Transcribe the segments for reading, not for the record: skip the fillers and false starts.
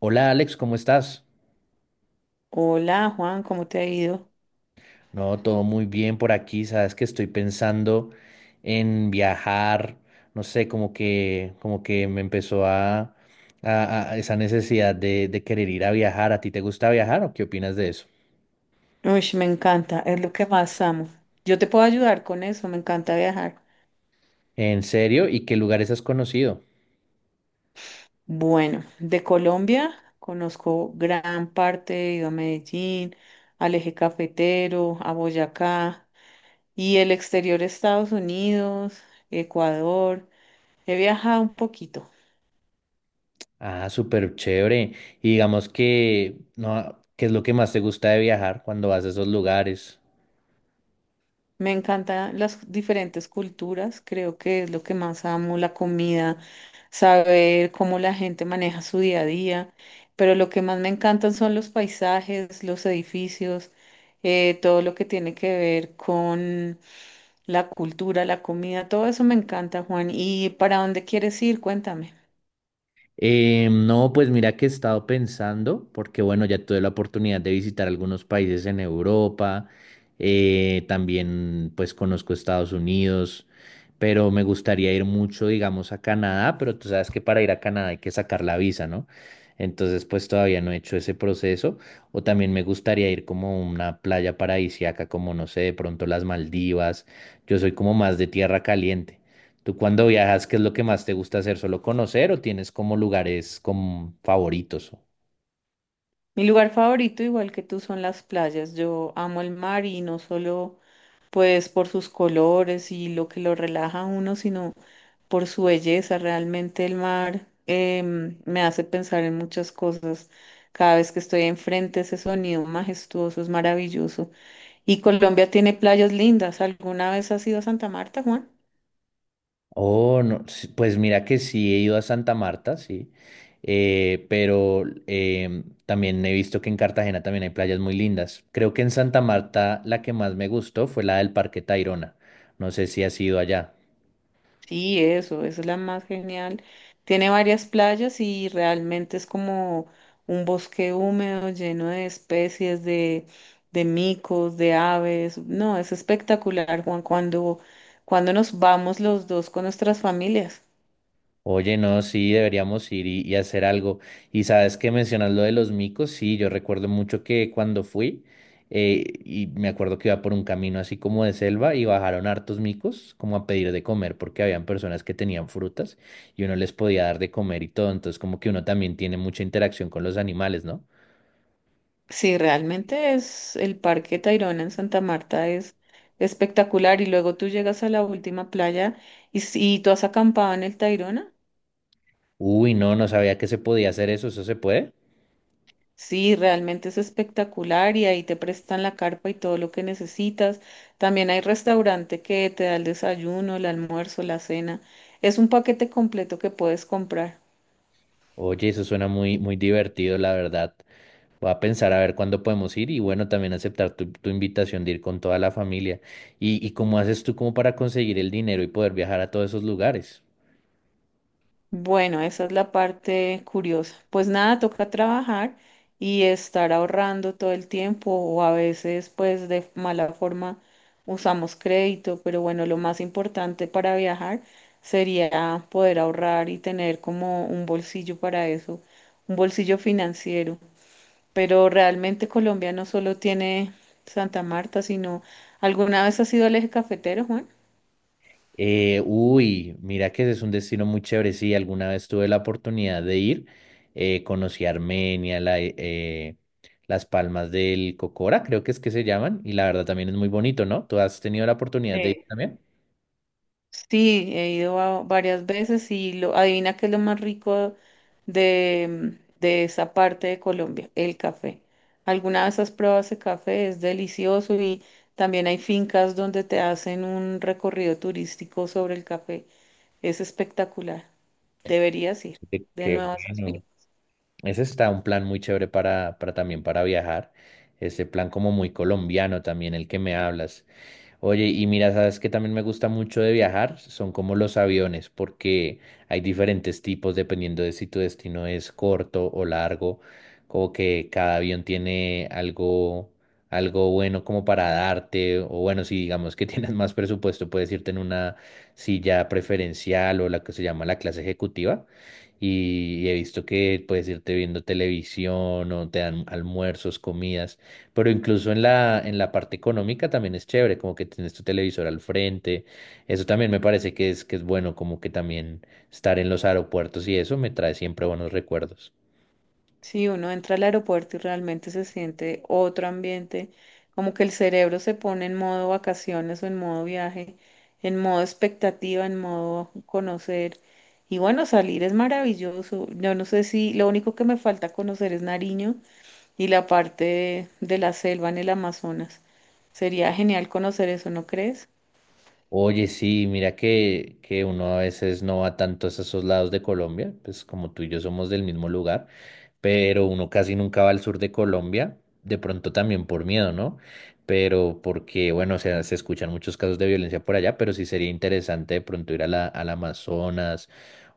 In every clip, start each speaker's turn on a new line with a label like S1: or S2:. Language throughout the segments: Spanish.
S1: Hola Alex, ¿cómo estás?
S2: Hola Juan, ¿cómo te ha ido?
S1: No, todo muy bien por aquí. Sabes que estoy pensando en viajar. No sé, como que me empezó a, a esa necesidad de querer ir a viajar. ¿A ti te gusta viajar o qué opinas de eso?
S2: Uy, me encanta, es lo que más amo. Yo te puedo ayudar con eso, me encanta viajar.
S1: ¿En serio? ¿Y qué lugares has conocido?
S2: Bueno, de Colombia conozco gran parte, he ido a Medellín, al Eje Cafetero, a Boyacá y el exterior de Estados Unidos, Ecuador. He viajado un poquito.
S1: Ah, súper chévere. Y digamos que, no, ¿qué es lo que más te gusta de viajar cuando vas a esos lugares?
S2: Me encantan las diferentes culturas, creo que es lo que más amo, la comida, saber cómo la gente maneja su día a día, pero lo que más me encantan son los paisajes, los edificios, todo lo que tiene que ver con la cultura, la comida, todo eso me encanta, Juan. ¿Y para dónde quieres ir? Cuéntame.
S1: No, pues mira que he estado pensando, porque bueno, ya tuve la oportunidad de visitar algunos países en Europa, también pues conozco Estados Unidos, pero me gustaría ir mucho, digamos, a Canadá, pero tú sabes que para ir a Canadá hay que sacar la visa, ¿no? Entonces pues todavía no he hecho ese proceso, o también me gustaría ir como a una playa paradisíaca, como no sé, de pronto las Maldivas, yo soy como más de tierra caliente. ¿Tú cuando viajas, qué es lo que más te gusta hacer? ¿Solo conocer o tienes como lugares como favoritos?
S2: Mi lugar favorito, igual que tú, son las playas. Yo amo el mar y no solo pues por sus colores y lo que lo relaja a uno, sino por su belleza. Realmente el mar me hace pensar en muchas cosas. Cada vez que estoy enfrente, ese sonido majestuoso es maravilloso. Y Colombia tiene playas lindas. ¿Alguna vez has ido a Santa Marta, Juan?
S1: Oh, no, sí, pues mira que sí he ido a Santa Marta, sí, también he visto que en Cartagena también hay playas muy lindas. Creo que en Santa Marta la que más me gustó fue la del Parque Tayrona. No sé si has ido allá.
S2: Sí, eso, esa es la más genial. Tiene varias playas y realmente es como un bosque húmedo lleno de especies de micos, de aves. No, es espectacular, Juan, cuando nos vamos los dos con nuestras familias.
S1: Oye, no, sí, deberíamos ir y hacer algo. Y sabes que mencionas lo de los micos, sí, yo recuerdo mucho que cuando fui, y me acuerdo que iba por un camino así como de selva y bajaron hartos micos como a pedir de comer porque habían personas que tenían frutas y uno les podía dar de comer y todo. Entonces como que uno también tiene mucha interacción con los animales, ¿no?
S2: Sí, realmente es, el Parque Tayrona en Santa Marta es espectacular y luego tú llegas a la última playa y, y tú has acampado en el Tayrona.
S1: Uy, no, no sabía que se podía hacer eso, ¿eso se puede?
S2: Sí, realmente es espectacular y ahí te prestan la carpa y todo lo que necesitas. También hay restaurante que te da el desayuno, el almuerzo, la cena. Es un paquete completo que puedes comprar.
S1: Oye, eso suena muy, muy divertido, la verdad. Voy a pensar a ver cuándo podemos ir y bueno, también aceptar tu invitación de ir con toda la familia. ¿Y cómo haces tú como para conseguir el dinero y poder viajar a todos esos lugares?
S2: Bueno, esa es la parte curiosa. Pues nada, toca trabajar y estar ahorrando todo el tiempo o a veces pues de mala forma usamos crédito, pero bueno, lo más importante para viajar sería poder ahorrar y tener como un bolsillo para eso, un bolsillo financiero. Pero realmente Colombia no solo tiene Santa Marta, sino ¿alguna vez has ido al Eje Cafetero, Juan?
S1: Mira que ese es un destino muy chévere. Sí, alguna vez tuve la oportunidad de ir. Conocí Armenia, la, las Palmas del Cocora, creo que es que se llaman. Y la verdad también es muy bonito, ¿no? ¿Tú has tenido la oportunidad de ir
S2: Sí.
S1: también?
S2: Sí, he ido varias veces y lo, adivina qué es lo más rico de esa parte de Colombia, el café. Alguna vez has probado ese café, es delicioso y también hay fincas donde te hacen un recorrido turístico sobre el café. Es espectacular. Deberías ir de
S1: Qué
S2: nuevo a esas
S1: bueno.
S2: fincas.
S1: Ese está un plan muy chévere para también para viajar. Ese plan como muy colombiano también, el que me hablas. Oye, y mira, sabes que también me gusta mucho de viajar, son como los aviones, porque hay diferentes tipos dependiendo de si tu destino es corto o largo, como que cada avión tiene algo, algo bueno como para darte, o bueno, si digamos que tienes más presupuesto, puedes irte en una silla preferencial o la que se llama la clase ejecutiva. Y he visto que puedes irte viendo televisión o te dan almuerzos, comidas. Pero incluso en la parte económica también es chévere, como que tienes tu televisor al frente. Eso también me parece que es bueno, como que también estar en los aeropuertos y eso me trae siempre buenos recuerdos.
S2: Sí, uno entra al aeropuerto y realmente se siente otro ambiente, como que el cerebro se pone en modo vacaciones o en modo viaje, en modo expectativa, en modo conocer. Y bueno, salir es maravilloso. Yo no sé si lo único que me falta conocer es Nariño y la parte de la selva en el Amazonas. Sería genial conocer eso, ¿no crees?
S1: Oye, sí, mira que uno a veces no va tanto a esos lados de Colombia, pues como tú y yo somos del mismo lugar, pero uno casi nunca va al sur de Colombia, de pronto también por miedo, ¿no? Pero porque, bueno, o sea, se escuchan muchos casos de violencia por allá, pero sí sería interesante de pronto ir a la, al Amazonas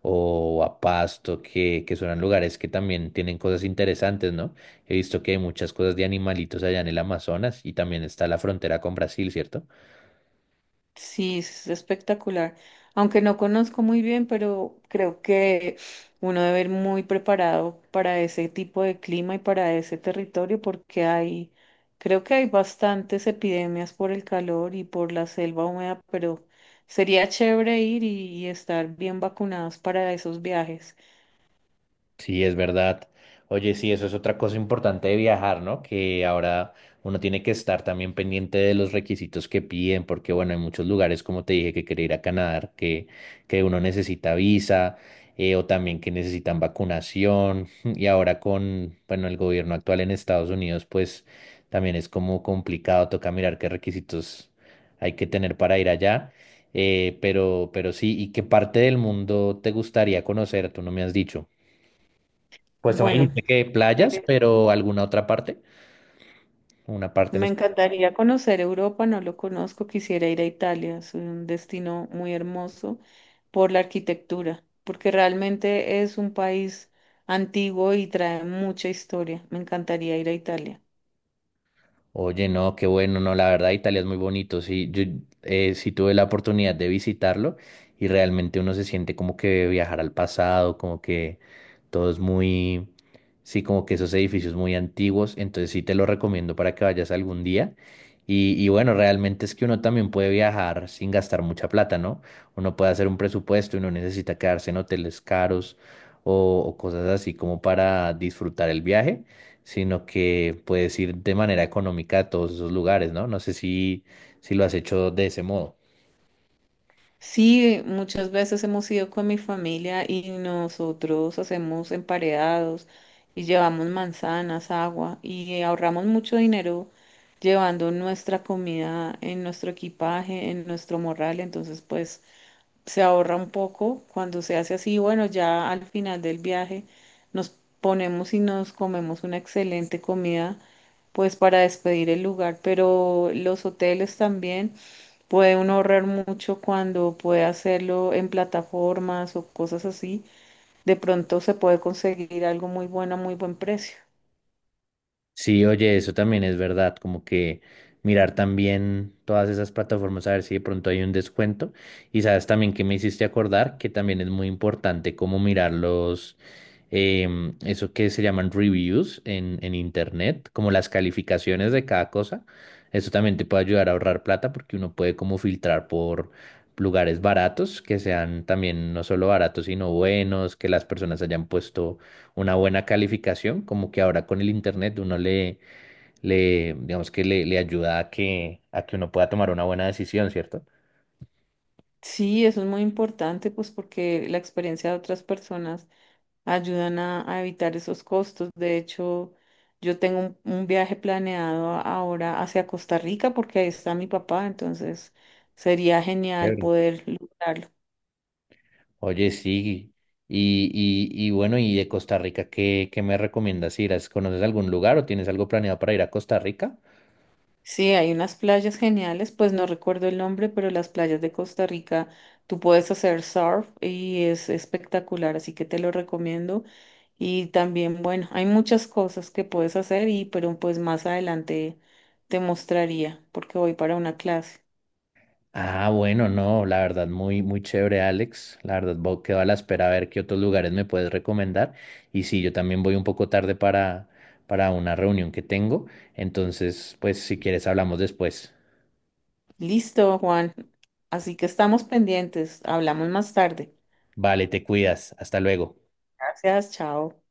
S1: o a Pasto, que son lugares que también tienen cosas interesantes, ¿no? He visto que hay muchas cosas de animalitos allá en el Amazonas y también está la frontera con Brasil, ¿cierto?
S2: Sí, es espectacular. Aunque no conozco muy bien, pero creo que uno debe ir muy preparado para ese tipo de clima y para ese territorio porque hay, creo que hay bastantes epidemias por el calor y por la selva húmeda, pero sería chévere ir y estar bien vacunados para esos viajes.
S1: Sí, es verdad. Oye, sí, eso es otra cosa importante de viajar, ¿no? Que ahora uno tiene que estar también pendiente de los requisitos que piden, porque bueno, hay muchos lugares, como te dije, que quiere ir a Canadá, que uno necesita visa, o también que necesitan vacunación. Y ahora con, bueno, el gobierno actual en Estados Unidos, pues también es como complicado, toca mirar qué requisitos hay que tener para ir allá. Pero sí, ¿y qué parte del mundo te gustaría conocer? Tú no me has dicho. Pues tú me
S2: Bueno,
S1: dijiste que playas,
S2: eh,
S1: pero alguna otra parte, una parte en.
S2: me encantaría conocer Europa, no lo conozco, quisiera ir a Italia, es un destino muy hermoso por la arquitectura, porque realmente es un país antiguo y trae mucha historia. Me encantaría ir a Italia.
S1: Oye, no, qué bueno, no, la verdad Italia es muy bonito, sí, yo sí tuve la oportunidad de visitarlo y realmente uno se siente como que viajar al pasado, como que todo es muy, sí, como que esos edificios muy antiguos, entonces sí te lo recomiendo para que vayas algún día y bueno, realmente es que uno también puede viajar sin gastar mucha plata, ¿no? Uno puede hacer un presupuesto y no necesita quedarse en hoteles caros o cosas así como para disfrutar el viaje sino que puedes ir de manera económica a todos esos lugares, ¿no? No sé si, si lo has hecho de ese modo.
S2: Sí, muchas veces hemos ido con mi familia y nosotros hacemos emparedados y llevamos manzanas, agua y ahorramos mucho dinero llevando nuestra comida en nuestro equipaje, en nuestro morral, entonces pues se ahorra un poco cuando se hace así. Bueno, ya al final del viaje nos ponemos y nos comemos una excelente comida, pues para despedir el lugar, pero los hoteles también puede uno ahorrar mucho cuando puede hacerlo en plataformas o cosas así. De pronto se puede conseguir algo muy bueno a muy buen precio.
S1: Sí, oye, eso también es verdad, como que mirar también todas esas plataformas a ver si de pronto hay un descuento. Y sabes también que me hiciste acordar que también es muy importante como mirar los eso que se llaman reviews en internet, como las calificaciones de cada cosa. Eso también te puede ayudar a ahorrar plata porque uno puede como filtrar por lugares baratos, que sean también no solo baratos, sino buenos, que las personas hayan puesto una buena calificación, como que ahora con el internet uno le, le digamos que le ayuda a que uno pueda tomar una buena decisión, ¿cierto?
S2: Sí, eso es muy importante, pues porque la experiencia de otras personas ayudan a evitar esos costos. De hecho, yo tengo un viaje planeado ahora hacia Costa Rica porque ahí está mi papá, entonces sería genial poder lograrlo.
S1: Oye, sí. Y bueno, ¿y de Costa Rica qué, qué me recomiendas ir? ¿Conoces algún lugar o tienes algo planeado para ir a Costa Rica?
S2: Sí, hay unas playas geniales, pues no recuerdo el nombre, pero las playas de Costa Rica, tú puedes hacer surf y es espectacular, así que te lo recomiendo. Y también, bueno, hay muchas cosas que puedes hacer y pero pues más adelante te mostraría porque voy para una clase.
S1: Ah, bueno, no, la verdad, muy, muy chévere, Alex. La verdad, quedo a la espera a ver qué otros lugares me puedes recomendar. Y sí, yo también voy un poco tarde para una reunión que tengo. Entonces, pues, si quieres, hablamos después.
S2: Listo, Juan. Así que estamos pendientes. Hablamos más tarde.
S1: Vale, te cuidas. Hasta luego.
S2: Gracias, chao.